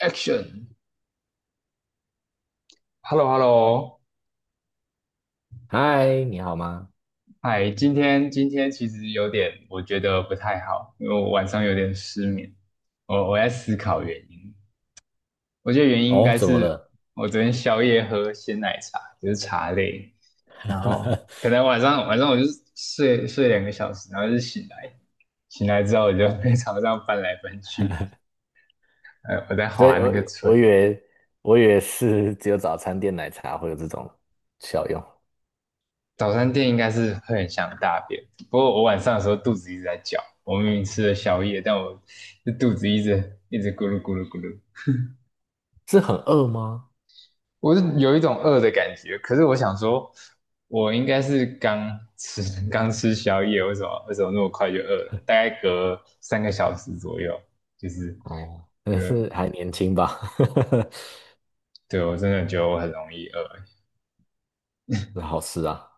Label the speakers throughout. Speaker 1: Action，Hello Hello。
Speaker 2: 嗨，你好吗？
Speaker 1: 嗨，今天其实有点，我觉得不太好，因为我晚上有点失眠。我在思考原因，我觉得原 因应
Speaker 2: 哦，
Speaker 1: 该
Speaker 2: 怎么
Speaker 1: 是
Speaker 2: 了？
Speaker 1: 我昨天宵夜喝鲜奶茶，就是茶类。然后可 能晚上我就睡2个小时，然后就醒来。醒来之后我就在床上翻来翻去。我在
Speaker 2: 所以
Speaker 1: 划那
Speaker 2: 我
Speaker 1: 个锤。
Speaker 2: 我以为我以为是只有早餐店奶茶会有这种效用。
Speaker 1: 早餐店应该是会很想大便，不过我晚上的时候肚子一直在叫。我明明吃了宵夜，但我这肚子一直一直咕噜咕噜咕噜。
Speaker 2: 是很饿吗？
Speaker 1: 我是有一种饿的感觉。可是我想说，我应该是刚吃 刚吃宵夜，为什么那么快就饿了？大概隔3个小时左右。就是
Speaker 2: 哦，
Speaker 1: 隔
Speaker 2: 也是还年轻吧。
Speaker 1: 对，我真的觉得我很容易饿。
Speaker 2: 是好事啊。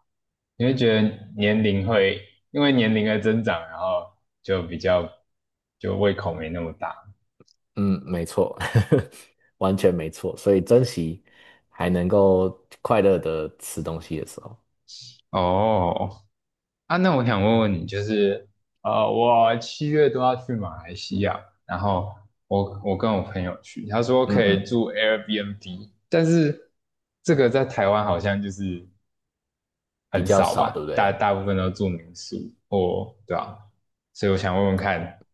Speaker 1: 你会觉得年龄会因为年龄的增长，然后就比较就胃口没那么大。
Speaker 2: 嗯，没错。完全没错。所以珍惜还能够快乐的吃东西的时候。
Speaker 1: 哦，哦，啊，那我想问问你，就是我7月都要去马来西亚。然后我跟我朋友去，他说
Speaker 2: 嗯
Speaker 1: 可以
Speaker 2: 嗯，
Speaker 1: 住 Airbnb,但是这个在台湾好像就是
Speaker 2: 比
Speaker 1: 很
Speaker 2: 较
Speaker 1: 少
Speaker 2: 少，对不
Speaker 1: 吧，大
Speaker 2: 对？
Speaker 1: 大部分都住民宿。哦对啊，所以我想问问看，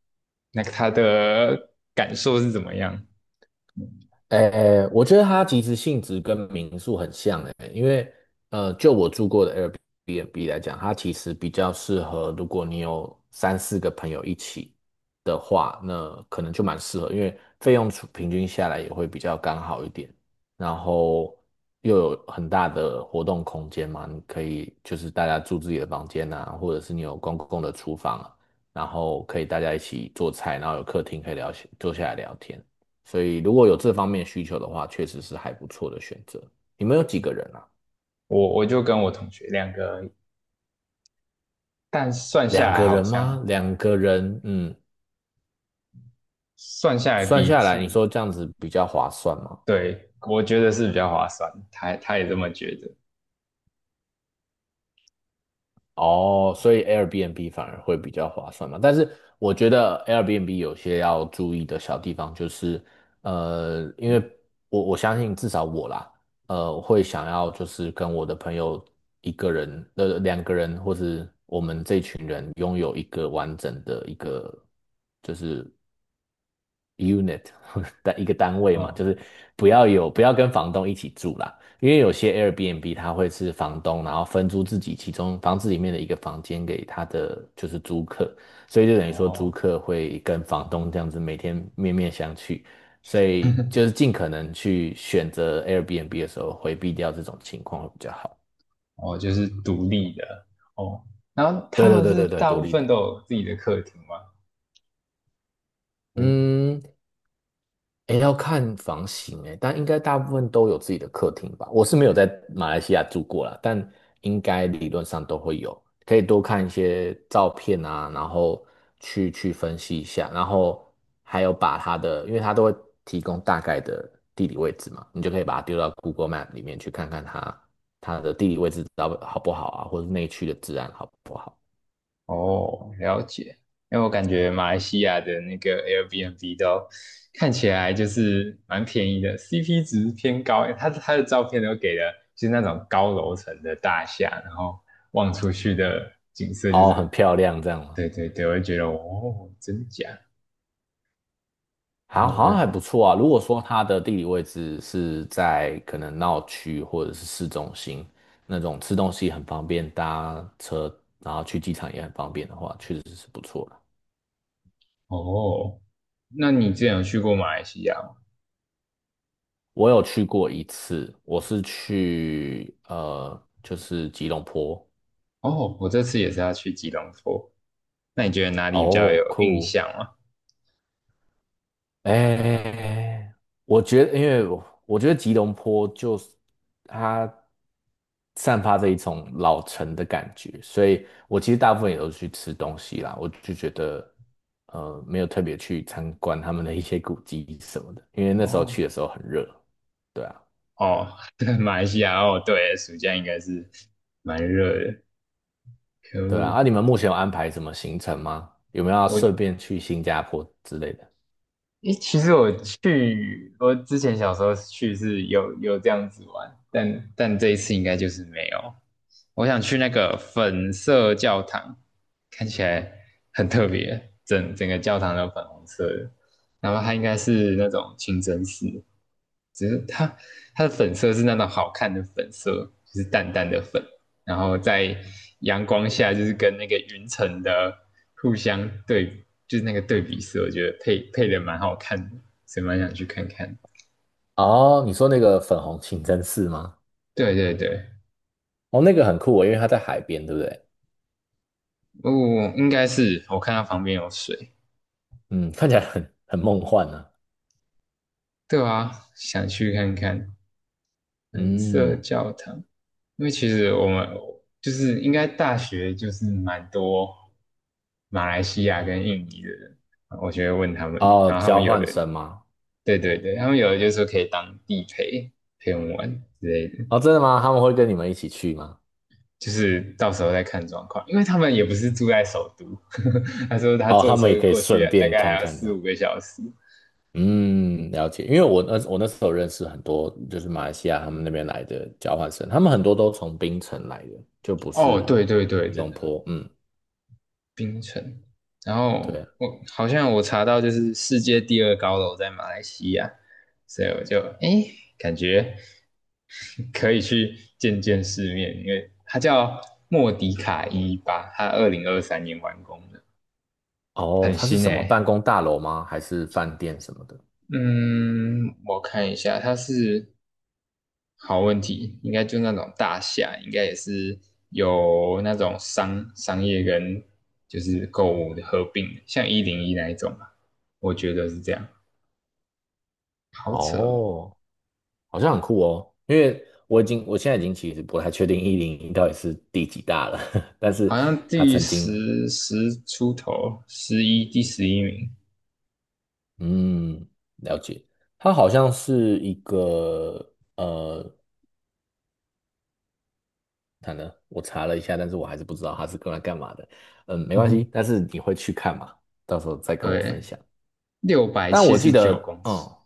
Speaker 1: 那个他的感受是怎么样？
Speaker 2: 诶，我觉得它其实性质跟民宿很像诶，因为就我住过的 Airbnb 来讲，它其实比较适合，如果你有三四个朋友一起的话，那可能就蛮适合，因为费用除平均下来也会比较刚好一点，然后又有很大的活动空间嘛，你可以就是大家住自己的房间啊，或者是你有公共的厨房啊，然后可以大家一起做菜，然后有客厅可以聊，坐下来聊天。所以如果有这方面需求的话，确实是还不错的选择。你们有几个人啊？
Speaker 1: 我就跟我同学两个而已，但算下
Speaker 2: 两
Speaker 1: 来
Speaker 2: 个
Speaker 1: 好
Speaker 2: 人吗？
Speaker 1: 像
Speaker 2: 两个
Speaker 1: 对，
Speaker 2: 人，嗯。
Speaker 1: 算下来
Speaker 2: 算
Speaker 1: 比
Speaker 2: 下来，你说
Speaker 1: 住
Speaker 2: 这样子比较划算吗？
Speaker 1: 对，我觉得是比较划算，他也这么觉得。
Speaker 2: 哦，所以 Airbnb 反而会比较划算嘛。但是我觉得 Airbnb 有些要注意的小地方就是，因为我相信至少我啦，会想要就是跟我的朋友一个人，呃，两个人，或是我们这群人拥有一个完整的一个就是 unit 的一个单位嘛，就
Speaker 1: 嗯，
Speaker 2: 是不要有不要跟房东一起住啦，因为有些 Airbnb 它会是房东，然后分租自己其中房子里面的一个房间给他的就是租客，所以就等于说租
Speaker 1: 哦，
Speaker 2: 客会跟房东这样子每天面面相觑，所以就是 尽可能去选择 Airbnb 的时候回避掉这种情况会比较好。
Speaker 1: 哦，就是独立的哦。然后
Speaker 2: 对
Speaker 1: 他
Speaker 2: 对
Speaker 1: 们
Speaker 2: 对
Speaker 1: 是
Speaker 2: 对对，
Speaker 1: 大
Speaker 2: 独
Speaker 1: 部
Speaker 2: 立
Speaker 1: 分
Speaker 2: 的。
Speaker 1: 都有自己的客厅吗？嗯，
Speaker 2: 嗯。诶，要看房型诶，但应该大部分都有自己的客厅吧。我是没有在马来西亚住过啦，但应该理论上都会有。可以多看一些照片啊，然后去分析一下，然后还有把它的，因为它都会提供大概的地理位置嘛，你就可以把它丢到 Google Map 里面去看看它的地理位置到好不好啊，或者是内区的治安好不好。
Speaker 1: 哦，了解。因为我感觉马来西亚的那个 Airbnb 都看起来就是蛮便宜的，CP 值偏高。他的照片都给了，就是那种高楼层的大厦，然后望出去的景色就
Speaker 2: 哦，很
Speaker 1: 是，
Speaker 2: 漂亮这样吗？
Speaker 1: 对对对，我就觉得哦，真假。然
Speaker 2: 好，
Speaker 1: 后我
Speaker 2: 好
Speaker 1: 就
Speaker 2: 像还不错啊。如果说它的地理位置是在可能闹区或者是市中心那种吃东西很方便，搭车然后去机场也很方便的话，确实是不错的。
Speaker 1: 哦，那你之前有去过马来西亚吗？
Speaker 2: 我有去过一次，我是去呃，就是吉隆坡。
Speaker 1: 哦，我这次也是要去吉隆坡。那你觉得哪里比较
Speaker 2: 哦，
Speaker 1: 有印
Speaker 2: 酷！
Speaker 1: 象吗？
Speaker 2: 哎，我觉得，因为我觉得吉隆坡就是它散发着一种老城的感觉，所以我其实大部分也都去吃东西啦。我就觉得，没有特别去参观他们的一些古迹什么的，因为那时候
Speaker 1: 哦
Speaker 2: 去的时候很热。对啊，
Speaker 1: 哦，对，马来西亚哦，对，暑假应该是蛮热的。可
Speaker 2: 对啊。
Speaker 1: 恶，
Speaker 2: 啊，你们目前有安排什么行程吗？有没有要
Speaker 1: 我
Speaker 2: 顺便去新加坡之类的？
Speaker 1: 诶，其实我去，我之前小时候去是有这样子玩，但这一次应该就是没有。我想去那个粉色教堂，看起来很特别，整个教堂都粉红色的。然后它应该是那种清真寺，只是它的粉色是那种好看的粉色，就是淡淡的粉，然后在阳光下就是跟那个云层的互相对比，就是那个对比色，我觉得配的蛮好看的，所以蛮想去看看。
Speaker 2: 哦，你说那个粉红清真寺吗？
Speaker 1: 对对对，
Speaker 2: 哦，那个很酷哦，因为它在海边，对不对？
Speaker 1: 哦，应该是我看它旁边有水。
Speaker 2: 嗯，看起来很梦幻呢、啊
Speaker 1: 对啊，想去看看粉色
Speaker 2: 嗯。
Speaker 1: 教堂。因为其实我们就是应该大学就是蛮多马来西亚跟印尼的人，我就会问他们，
Speaker 2: 哦，
Speaker 1: 然后他们
Speaker 2: 交
Speaker 1: 有
Speaker 2: 换
Speaker 1: 的，
Speaker 2: 生吗？
Speaker 1: 对对对，他们有的就说可以当地陪陪我们玩之类的。
Speaker 2: 哦，真的吗？他们会跟你们一起去吗？
Speaker 1: 就是到时候再看状况，因为他们也不是住在首都。他说他
Speaker 2: 哦，
Speaker 1: 坐
Speaker 2: 他们也
Speaker 1: 车
Speaker 2: 可以
Speaker 1: 过去
Speaker 2: 顺
Speaker 1: 大
Speaker 2: 便
Speaker 1: 概还
Speaker 2: 看
Speaker 1: 要
Speaker 2: 看
Speaker 1: 四
Speaker 2: 的。
Speaker 1: 五个小时。
Speaker 2: 嗯，了解。因为我那时候认识很多，就是马来西亚他们那边来的交换生，他们很多都从槟城来的，就不
Speaker 1: 哦，
Speaker 2: 是
Speaker 1: 对对对，
Speaker 2: 吉
Speaker 1: 真
Speaker 2: 隆
Speaker 1: 的，
Speaker 2: 坡。嗯，
Speaker 1: 冰城。然后
Speaker 2: 对啊。
Speaker 1: 我好像我查到就是世界第二高楼在马来西亚，所以我就诶感觉可以去见见世面，因为它叫莫迪卡一八，它2023年完工的，
Speaker 2: 哦，
Speaker 1: 很
Speaker 2: 它是
Speaker 1: 新
Speaker 2: 什么办
Speaker 1: 诶。
Speaker 2: 公大楼吗？还是饭店什么的？
Speaker 1: 嗯，我看一下，它是好问题，应该就那种大厦，应该也是有那种商业跟就是购物的合并，像101那一种吧，我觉得是这样。好扯哦，
Speaker 2: 哦，好像很酷哦，因为我现在已经其实不太确定一零一到底是第几大了，但
Speaker 1: 好
Speaker 2: 是
Speaker 1: 像
Speaker 2: 它
Speaker 1: 第
Speaker 2: 曾经
Speaker 1: 十10出头，十一第11名，
Speaker 2: 嗯了解，它好像是一个呃，它呢我查了一下，但是我还是不知道它是用来干嘛的，嗯，没关系，但是你会去看嘛，到时候再跟我分
Speaker 1: 对，
Speaker 2: 享。
Speaker 1: 六百
Speaker 2: 但
Speaker 1: 七
Speaker 2: 我记
Speaker 1: 十九
Speaker 2: 得
Speaker 1: 公尺，
Speaker 2: 嗯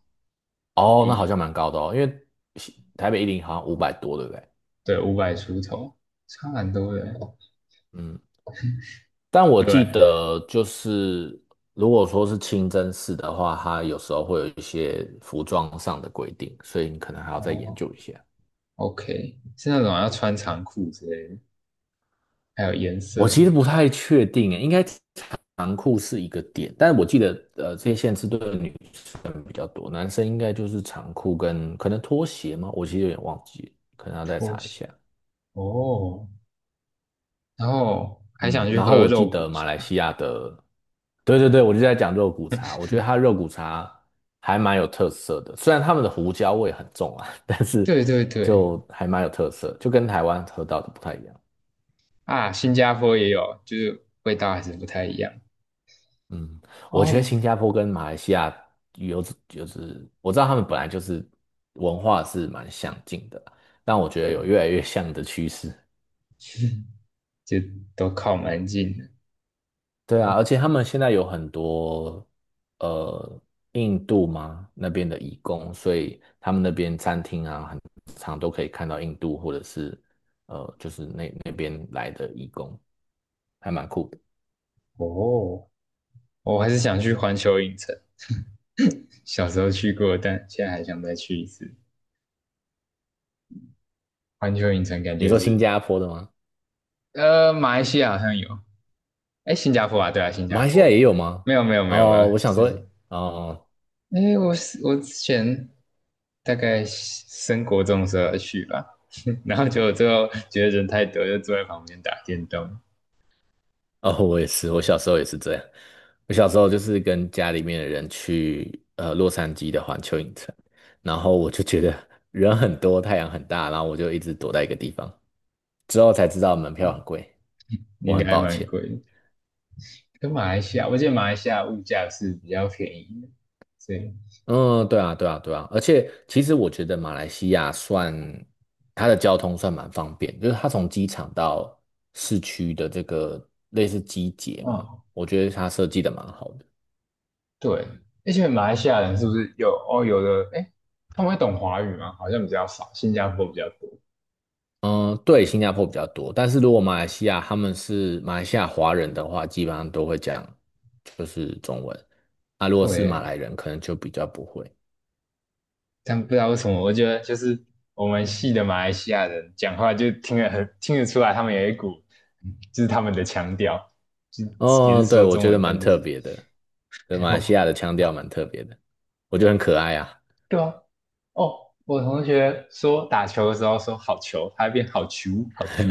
Speaker 2: 哦、那好
Speaker 1: 第
Speaker 2: 像蛮高的哦，因为台北一零好像五百多，对不对？
Speaker 1: 对，500出头，差蛮多的欸，
Speaker 2: 嗯，但我
Speaker 1: 对，
Speaker 2: 记得，就是如果说是清真寺的话，它有时候会有一些服装上的规定，所以你可能还要再研
Speaker 1: 哦
Speaker 2: 究一下。
Speaker 1: ，OK,是那种要穿长裤之类的，还有颜
Speaker 2: 我
Speaker 1: 色
Speaker 2: 其实不太确定耶，应该长裤是一个点，但我记得，这些限制对女生比较多，男生应该就是长裤跟可能拖鞋吗？我其实有点忘记了可能要再
Speaker 1: 拖
Speaker 2: 查一
Speaker 1: 鞋
Speaker 2: 下。
Speaker 1: 哦。然后还想
Speaker 2: 嗯，
Speaker 1: 去
Speaker 2: 然后
Speaker 1: 喝
Speaker 2: 我记
Speaker 1: 肉
Speaker 2: 得
Speaker 1: 骨
Speaker 2: 马来
Speaker 1: 茶，
Speaker 2: 西亚的，对对对，我就在讲肉骨茶，我觉得它肉骨茶还蛮有特色的，虽然他们的胡椒味很重啊，但是
Speaker 1: 对对对。
Speaker 2: 就还蛮有特色，就跟台湾喝到的不太一样。
Speaker 1: 啊，新加坡也有，就是味道还是不太一样。
Speaker 2: 嗯，我觉得
Speaker 1: 哦，
Speaker 2: 新加坡跟马来西亚有就是我知道他们本来就是文化是蛮相近的，但我觉得有
Speaker 1: 对，
Speaker 2: 越来越像的趋势。
Speaker 1: 就都靠蛮近的。
Speaker 2: 对啊，而且他们现在有很多呃印度嘛那边的移工，所以他们那边餐厅啊，很常都可以看到印度或者是就是那边来的移工，还蛮酷的。
Speaker 1: 哦，哦，我还是想去环球影城，小时候去过，但现在还想再去一次。环球影城感
Speaker 2: 你
Speaker 1: 觉
Speaker 2: 说新
Speaker 1: 是，
Speaker 2: 加坡的吗？
Speaker 1: 呃，马来西亚好像有，哎，新加坡啊，对啊，新加
Speaker 2: 马来西亚
Speaker 1: 坡，
Speaker 2: 也有吗？
Speaker 1: 没有没有没有没有，
Speaker 2: 哦，我想说，
Speaker 1: 是，
Speaker 2: 哦、
Speaker 1: 哎，我是我之前大概升国中的时候要去吧，然后结果最后觉得人太多，就坐在旁边打电动。
Speaker 2: 哦，我也是，我
Speaker 1: 哦
Speaker 2: 小时候也是这样。我小时候就是跟家里面的人去洛杉矶的环球影城，然后我就觉得人很多，太阳很大，然后我就一直躲在一个地方，之后才知道门票很贵，
Speaker 1: 应
Speaker 2: 我
Speaker 1: 该
Speaker 2: 很
Speaker 1: 还
Speaker 2: 抱
Speaker 1: 蛮
Speaker 2: 歉。
Speaker 1: 贵的。跟马来西亚，我记得马来西亚物价是比较便宜的，所以，
Speaker 2: 嗯，对啊，对啊，对啊，而且其实我觉得马来西亚算它的交通算蛮方便，就是它从机场到市区的这个类似机捷嘛，
Speaker 1: 嗯，
Speaker 2: 我觉得它设计的蛮好的。
Speaker 1: 对。而且马来西亚人是不是有哦？有的，哎，他们会懂华语吗？好像比较少，新加坡比较多。
Speaker 2: 嗯，对，新加坡比较多，但是如果马来西亚他们是马来西亚华人的话，基本上都会讲就是中文。啊，如果是马
Speaker 1: 对，
Speaker 2: 来人，可能就比较不会。
Speaker 1: 但不知道为什么，我觉得就是我们系的马来西亚人讲话就听得很听得出来，他们有一股就是他们的腔调，就也是
Speaker 2: 哦，对，
Speaker 1: 说
Speaker 2: 我
Speaker 1: 中
Speaker 2: 觉得
Speaker 1: 文，
Speaker 2: 蛮
Speaker 1: 但就
Speaker 2: 特
Speaker 1: 是
Speaker 2: 别的。对，马来西
Speaker 1: 哦，
Speaker 2: 亚的腔调蛮特别的，我觉得很可爱啊。
Speaker 1: 对啊。哦，我同学说打球的时候说好球，他会变好球好球，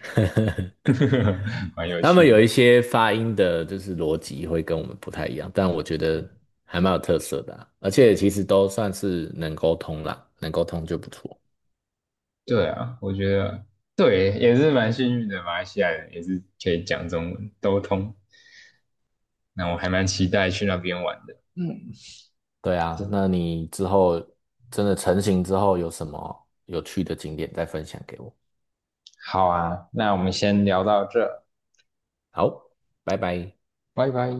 Speaker 1: 蛮有
Speaker 2: 他们
Speaker 1: 趣
Speaker 2: 有
Speaker 1: 的。
Speaker 2: 一些发音的，就是逻辑会跟我们不太一样，但我觉得还蛮有特色的啊而且其实都算是能沟通啦，能沟通就不错。
Speaker 1: 对啊，我觉得对，也是蛮幸运的。马来西亚人也是可以讲中文，都通。那我还蛮期待去那边玩的。嗯。
Speaker 2: 对啊，那你之后真的成型之后有什么有趣的景点再分享给我。
Speaker 1: 好啊，那我们先聊到这，
Speaker 2: 好，拜拜。
Speaker 1: 拜拜。